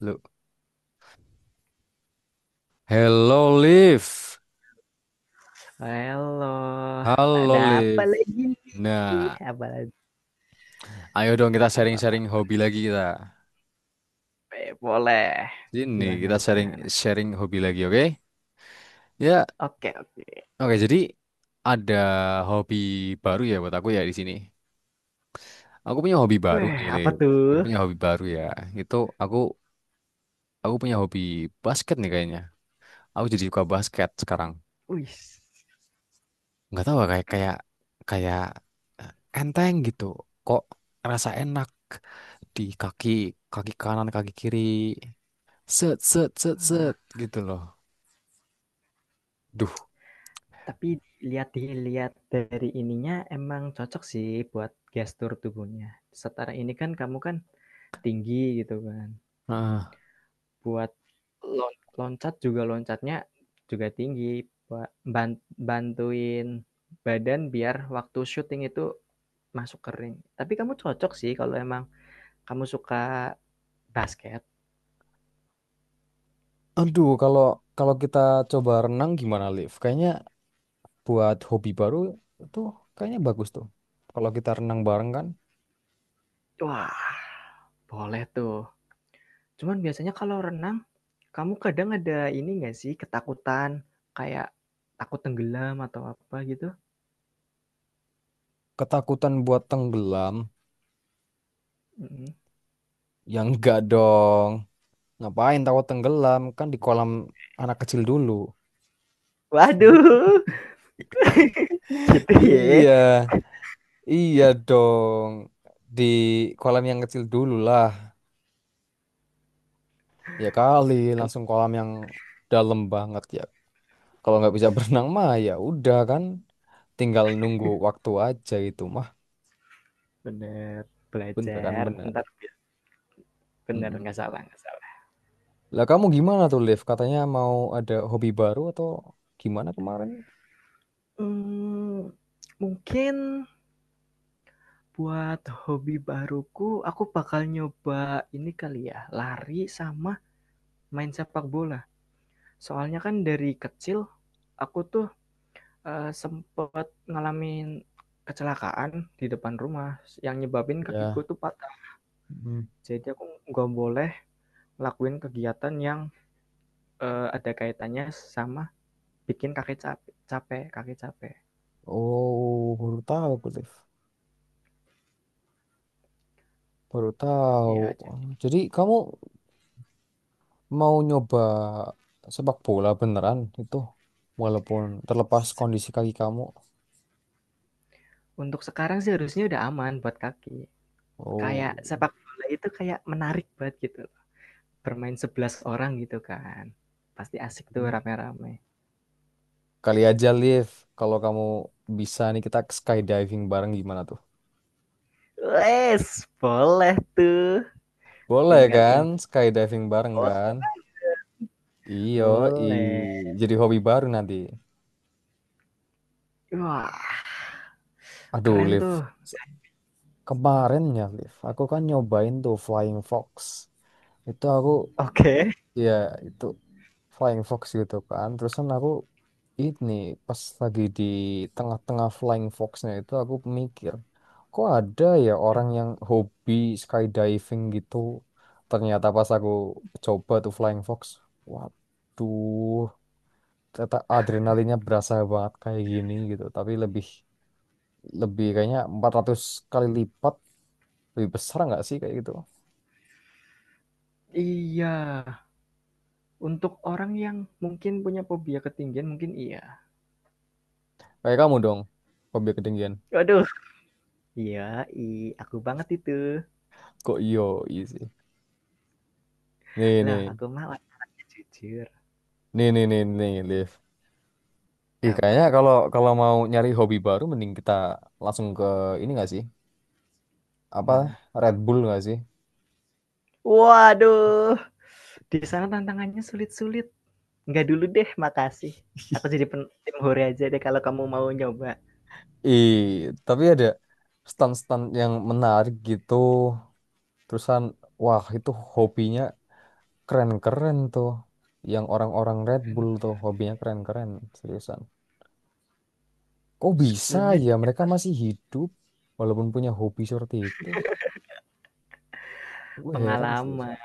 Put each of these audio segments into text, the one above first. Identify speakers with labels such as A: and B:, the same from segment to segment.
A: Lu. Hello Liv.
B: Eloh,
A: Halo
B: ada apa
A: Liv.
B: lagi?
A: Nah,
B: Apa lagi?
A: ayo dong kita
B: Apa apa?
A: sharing-sharing
B: Apa?
A: hobi lagi kita.
B: Eh, boleh.
A: Sini
B: Gimana
A: kita
B: gimana?
A: sharing-sharing hobi lagi, oke? Ya,
B: Oke, oke.
A: oke. Jadi ada hobi baru ya buat aku ya di sini. Aku punya hobi baru
B: Weh,
A: nih,
B: apa
A: Liv. Aku
B: tuh?
A: punya hobi baru ya. Itu aku aku punya hobi basket nih kayaknya. Aku jadi suka basket sekarang.
B: Wih.
A: Nggak tahu, kayak kayak kayak eh, enteng gitu, kok rasa enak di kaki kaki kanan kaki kiri, set set set set gitu loh. Duh.
B: Tapi lihat lihat dari ininya emang cocok sih buat gestur tubuhnya. Setara ini kan kamu kan tinggi gitu kan.
A: Ah.
B: Buat lon loncat juga loncatnya juga tinggi. Buat bantuin badan biar waktu syuting itu masuk kering. Tapi kamu cocok sih kalau emang. Kamu suka basket?
A: Aduh, kalau kalau kita coba renang gimana, Liv? Kayaknya buat hobi baru itu kayaknya bagus tuh. Kalau kita renang bareng kan,
B: Wah, boleh tuh. Cuman biasanya kalau renang, kamu kadang ada ini nggak sih, ketakutan, kayak takut tenggelam atau apa gitu?
A: ketakutan buat tenggelam,
B: Mhm.
A: yang enggak dong. Ngapain takut tenggelam? Kan di kolam anak kecil dulu.
B: Waduh, gitu ya.
A: Iya. Iya dong, di kolam yang kecil dulu lah. Ya kali, langsung kolam yang dalam banget ya. Kalau nggak bisa berenang mah ya udah kan, tinggal nunggu waktu aja itu mah.
B: Bener,
A: Bener kan
B: belajar,
A: bener.
B: ntar. Bener,
A: Mm-mm.
B: nggak salah nggak salah.
A: Lah kamu gimana tuh, Liv? Katanya mau ada hobi baru atau gimana kemarin?
B: Mmm, mungkin buat hobi baruku, aku bakal nyoba ini kali ya, lari sama main sepak bola. Soalnya kan dari kecil, aku tuh sempet ngalamin kecelakaan di depan rumah yang nyebabin kakiku
A: Ya.
B: tuh patah.
A: Mm.
B: Jadi aku nggak boleh lakuin kegiatan yang, ada kaitannya sama bikin kaki capek kaki capek.
A: Oh, baru tahu aku, Liv. Baru tahu.
B: Iya,
A: Jadi kamu mau nyoba sepak bola beneran itu walaupun terlepas kondisi kaki kamu?
B: untuk sekarang sih harusnya udah aman buat kaki.
A: Oh.
B: Kayak sepak bola itu kayak menarik banget gitu, bermain 11 orang gitu kan. Pasti asik tuh
A: Hmm.
B: rame-rame.
A: Kali aja Liv, kalau kamu bisa nih kita skydiving bareng gimana tuh?
B: Wes, boleh tuh,
A: Boleh
B: tinggal
A: kan
B: info
A: skydiving bareng kan. Iyo. i
B: boleh.
A: jadi hobi baru nanti.
B: Wah,
A: Aduh
B: keren
A: Liv,
B: tuh.
A: se- kemarin ya Liv, aku kan nyobain tuh Flying Fox. Itu aku,
B: Oke.
A: ya itu Flying Fox gitu kan. Terusan aku ini pas lagi di tengah-tengah Flying Foxnya itu aku mikir, kok ada ya
B: Okay.
A: orang yang hobi skydiving gitu. Ternyata pas aku coba tuh Flying Fox, waduh, ternyata adrenalinnya berasa banget kayak gini gitu. Tapi lebih lebih kayaknya 400 kali lipat lebih besar nggak sih kayak gitu?
B: Iya, untuk orang yang mungkin punya fobia ketinggian mungkin iya.
A: Kayak kamu dong, hobi ketinggian.
B: Waduh. Iya, aku banget itu.
A: Kok yo sih. Nih
B: Lah,
A: nih.
B: aku mah orangnya jujur.
A: Nih nih nih nih, Liv. Ih, kayaknya
B: Apa?
A: kalau kalau mau nyari hobi baru mending kita langsung ke ini nggak sih? Apa
B: Mana?
A: Red Bull nggak sih?
B: Waduh. Di sana tantangannya sulit-sulit. Enggak dulu deh, makasih. Aku jadi tim hore aja deh kalau kamu mau nyoba.
A: Ih, tapi ada stan-stan yang menarik gitu. Terusan wah, itu hobinya keren-keren tuh. Yang orang-orang Red Bull tuh hobinya keren-keren seriusan. Kok bisa
B: Skillnya
A: ya
B: di
A: mereka
B: atas.
A: masih hidup walaupun punya hobi seperti itu? Gue heran seriusan.
B: Pengalaman.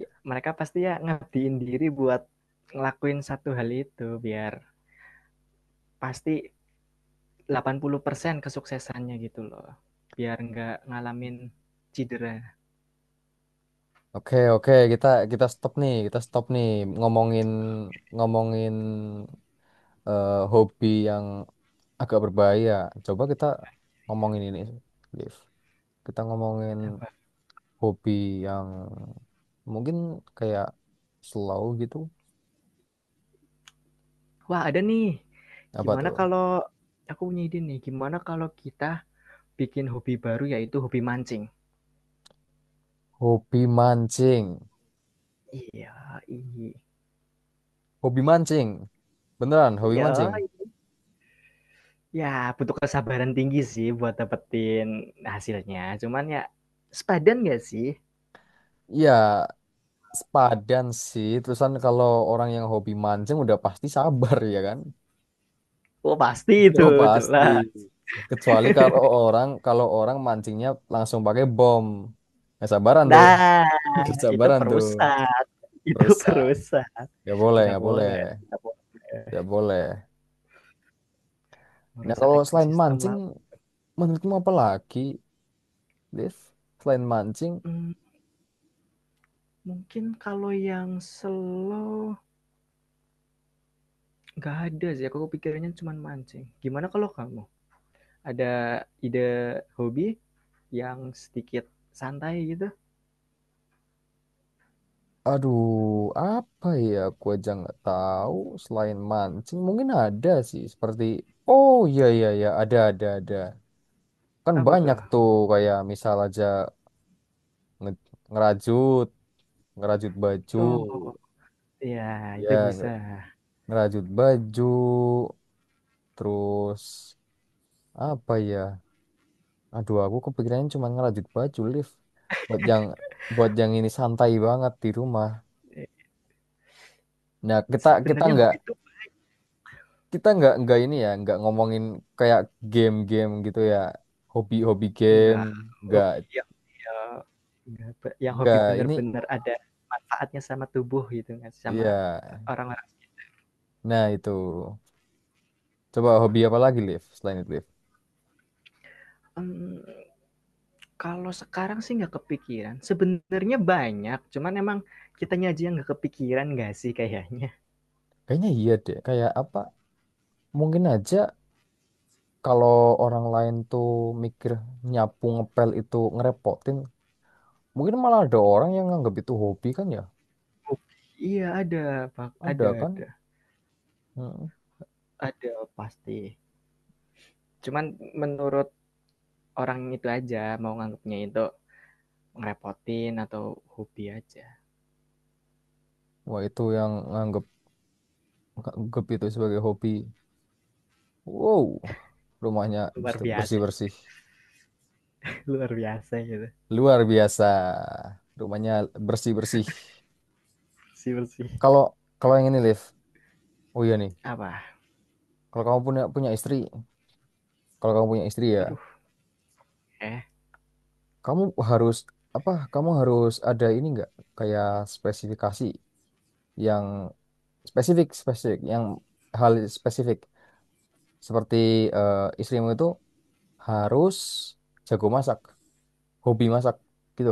B: Ya, mereka pasti ya ngabdiin diri buat ngelakuin satu hal itu biar pasti 80% kesuksesannya gitu loh. Biar nggak ngalamin cedera.
A: Oke, oke, kita kita stop nih ngomongin ngomongin eh, hobi yang agak berbahaya. Coba kita ngomongin ini, Liv. Kita ngomongin hobi yang mungkin kayak slow gitu.
B: Wah, ada nih.
A: Apa
B: Gimana
A: tuh?
B: kalau aku punya ide nih. Gimana kalau kita bikin hobi baru yaitu hobi mancing?
A: Hobi mancing.
B: Iya, iya.
A: Hobi mancing. Beneran, hobi
B: Ya,
A: mancing.
B: ya, butuh kesabaran tinggi sih buat dapetin hasilnya. Cuman ya sepadan gak sih?
A: Iya, sepadan sih. Terusan kalau orang yang hobi mancing udah pasti sabar ya kan?
B: Oh pasti itu
A: Oh pasti.
B: jelas.
A: Kecuali kalau orang mancingnya langsung pakai bom. Nggak sabaran tuh.
B: Nah
A: Nggak
B: itu
A: sabaran tuh.
B: perusak, itu
A: Rusak.
B: perusak.
A: Nggak boleh,
B: Tidak
A: nggak boleh.
B: boleh, tidak
A: Nggak
B: boleh.
A: boleh. Nah,
B: Merusak
A: kalau selain
B: ekosistem
A: mancing,
B: laut.
A: menurutmu apa lagi, Liv? Selain mancing,
B: Mmm, mungkin kalau yang slow nggak ada sih aku kepikirannya cuman mancing. Gimana kalau kamu? Ada ide hobi yang sedikit santai gitu?
A: aduh, apa ya? Aku aja nggak tahu. Selain mancing, mungkin ada sih. Seperti, oh iya iya iya, ada ada. Kan
B: Apa
A: banyak
B: tuh?
A: tuh kayak misal aja nge- ngerajut, ngerajut baju,
B: Oh, iya itu
A: ya
B: bisa.
A: ngerajut baju, terus apa ya? Aduh, aku kepikirannya cuma ngerajut baju lift. Buat yang buat yang ini santai banget di rumah.
B: Eee,
A: Nah, kita
B: sebenarnya hobi itu
A: kita nggak ini ya, nggak ngomongin kayak game-game gitu ya, hobi-hobi game,
B: enggak,
A: nggak
B: hobi yang dia enggak yang hobi
A: nggak ini
B: bener-bener ada manfaatnya sama tubuh gitu kan, sama
A: iya.
B: orang-orang
A: Nah, itu. Coba hobi apa lagi lift selain itu lift?
B: mmm. Kalau sekarang sih nggak kepikiran, sebenarnya banyak, cuman emang kitanya aja yang nggak kepikiran nggak sih kayaknya?
A: Kayaknya iya deh, kayak apa? Mungkin aja kalau orang lain tuh mikir nyapu ngepel itu ngerepotin, mungkin malah ada orang yang nganggap itu hobi kan ya?
B: Oh. Iya ada, pak
A: Ada kan? Hmm.
B: ada pasti. Cuman menurut orang itu aja, mau nganggapnya itu ngerepotin atau hobi aja.
A: Wah, itu yang nganggep nganggep itu sebagai hobi. Wow, rumahnya
B: Luar biasa
A: bersih-bersih.
B: luar biasa gitu,
A: Luar biasa. Rumahnya bersih-bersih.
B: bersih bersih.
A: Kalau kalau yang ini Liv. Oh iya nih.
B: Apa?
A: Kalau kamu punya punya istri, kalau kamu punya istri ya,
B: Aduh, eh,
A: kamu harus apa? Kamu harus ada ini nggak? Kayak spesifikasi yang spesifik spesifik yang hal spesifik seperti istrimu itu harus jago masak, hobi masak gitu.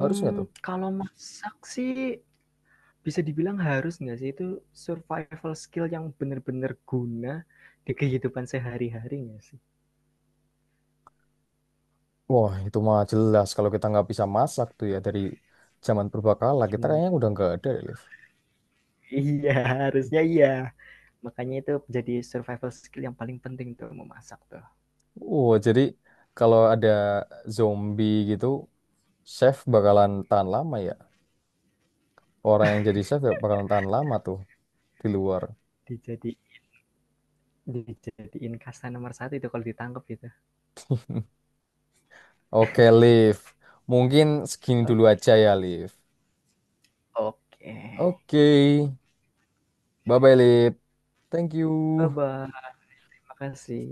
A: Harus nggak tuh?
B: kalau masak sih, bisa dibilang harus nggak sih itu survival skill yang benar-benar guna di kehidupan sehari-hari nggak sih?
A: Wah, itu mah jelas kalau kita nggak bisa masak tuh ya dari zaman purbakala kita
B: Gimana?
A: kayaknya udah nggak ada, Liv.
B: Iya, harusnya iya. Makanya itu jadi survival skill yang paling penting tuh memasak tuh.
A: Oh, jadi kalau ada zombie gitu, chef bakalan tahan lama ya. Orang yang jadi chef ya bakalan tahan lama tuh di luar.
B: Dijadi dijadiin kasta nomor satu itu kalau ditangkap itu.
A: Oke, Liv. Mungkin segini dulu
B: Ok
A: aja ya, Liv.
B: oke. Okay.
A: Oke. Bye-bye, Liv. Thank you.
B: Bye-bye, makasih.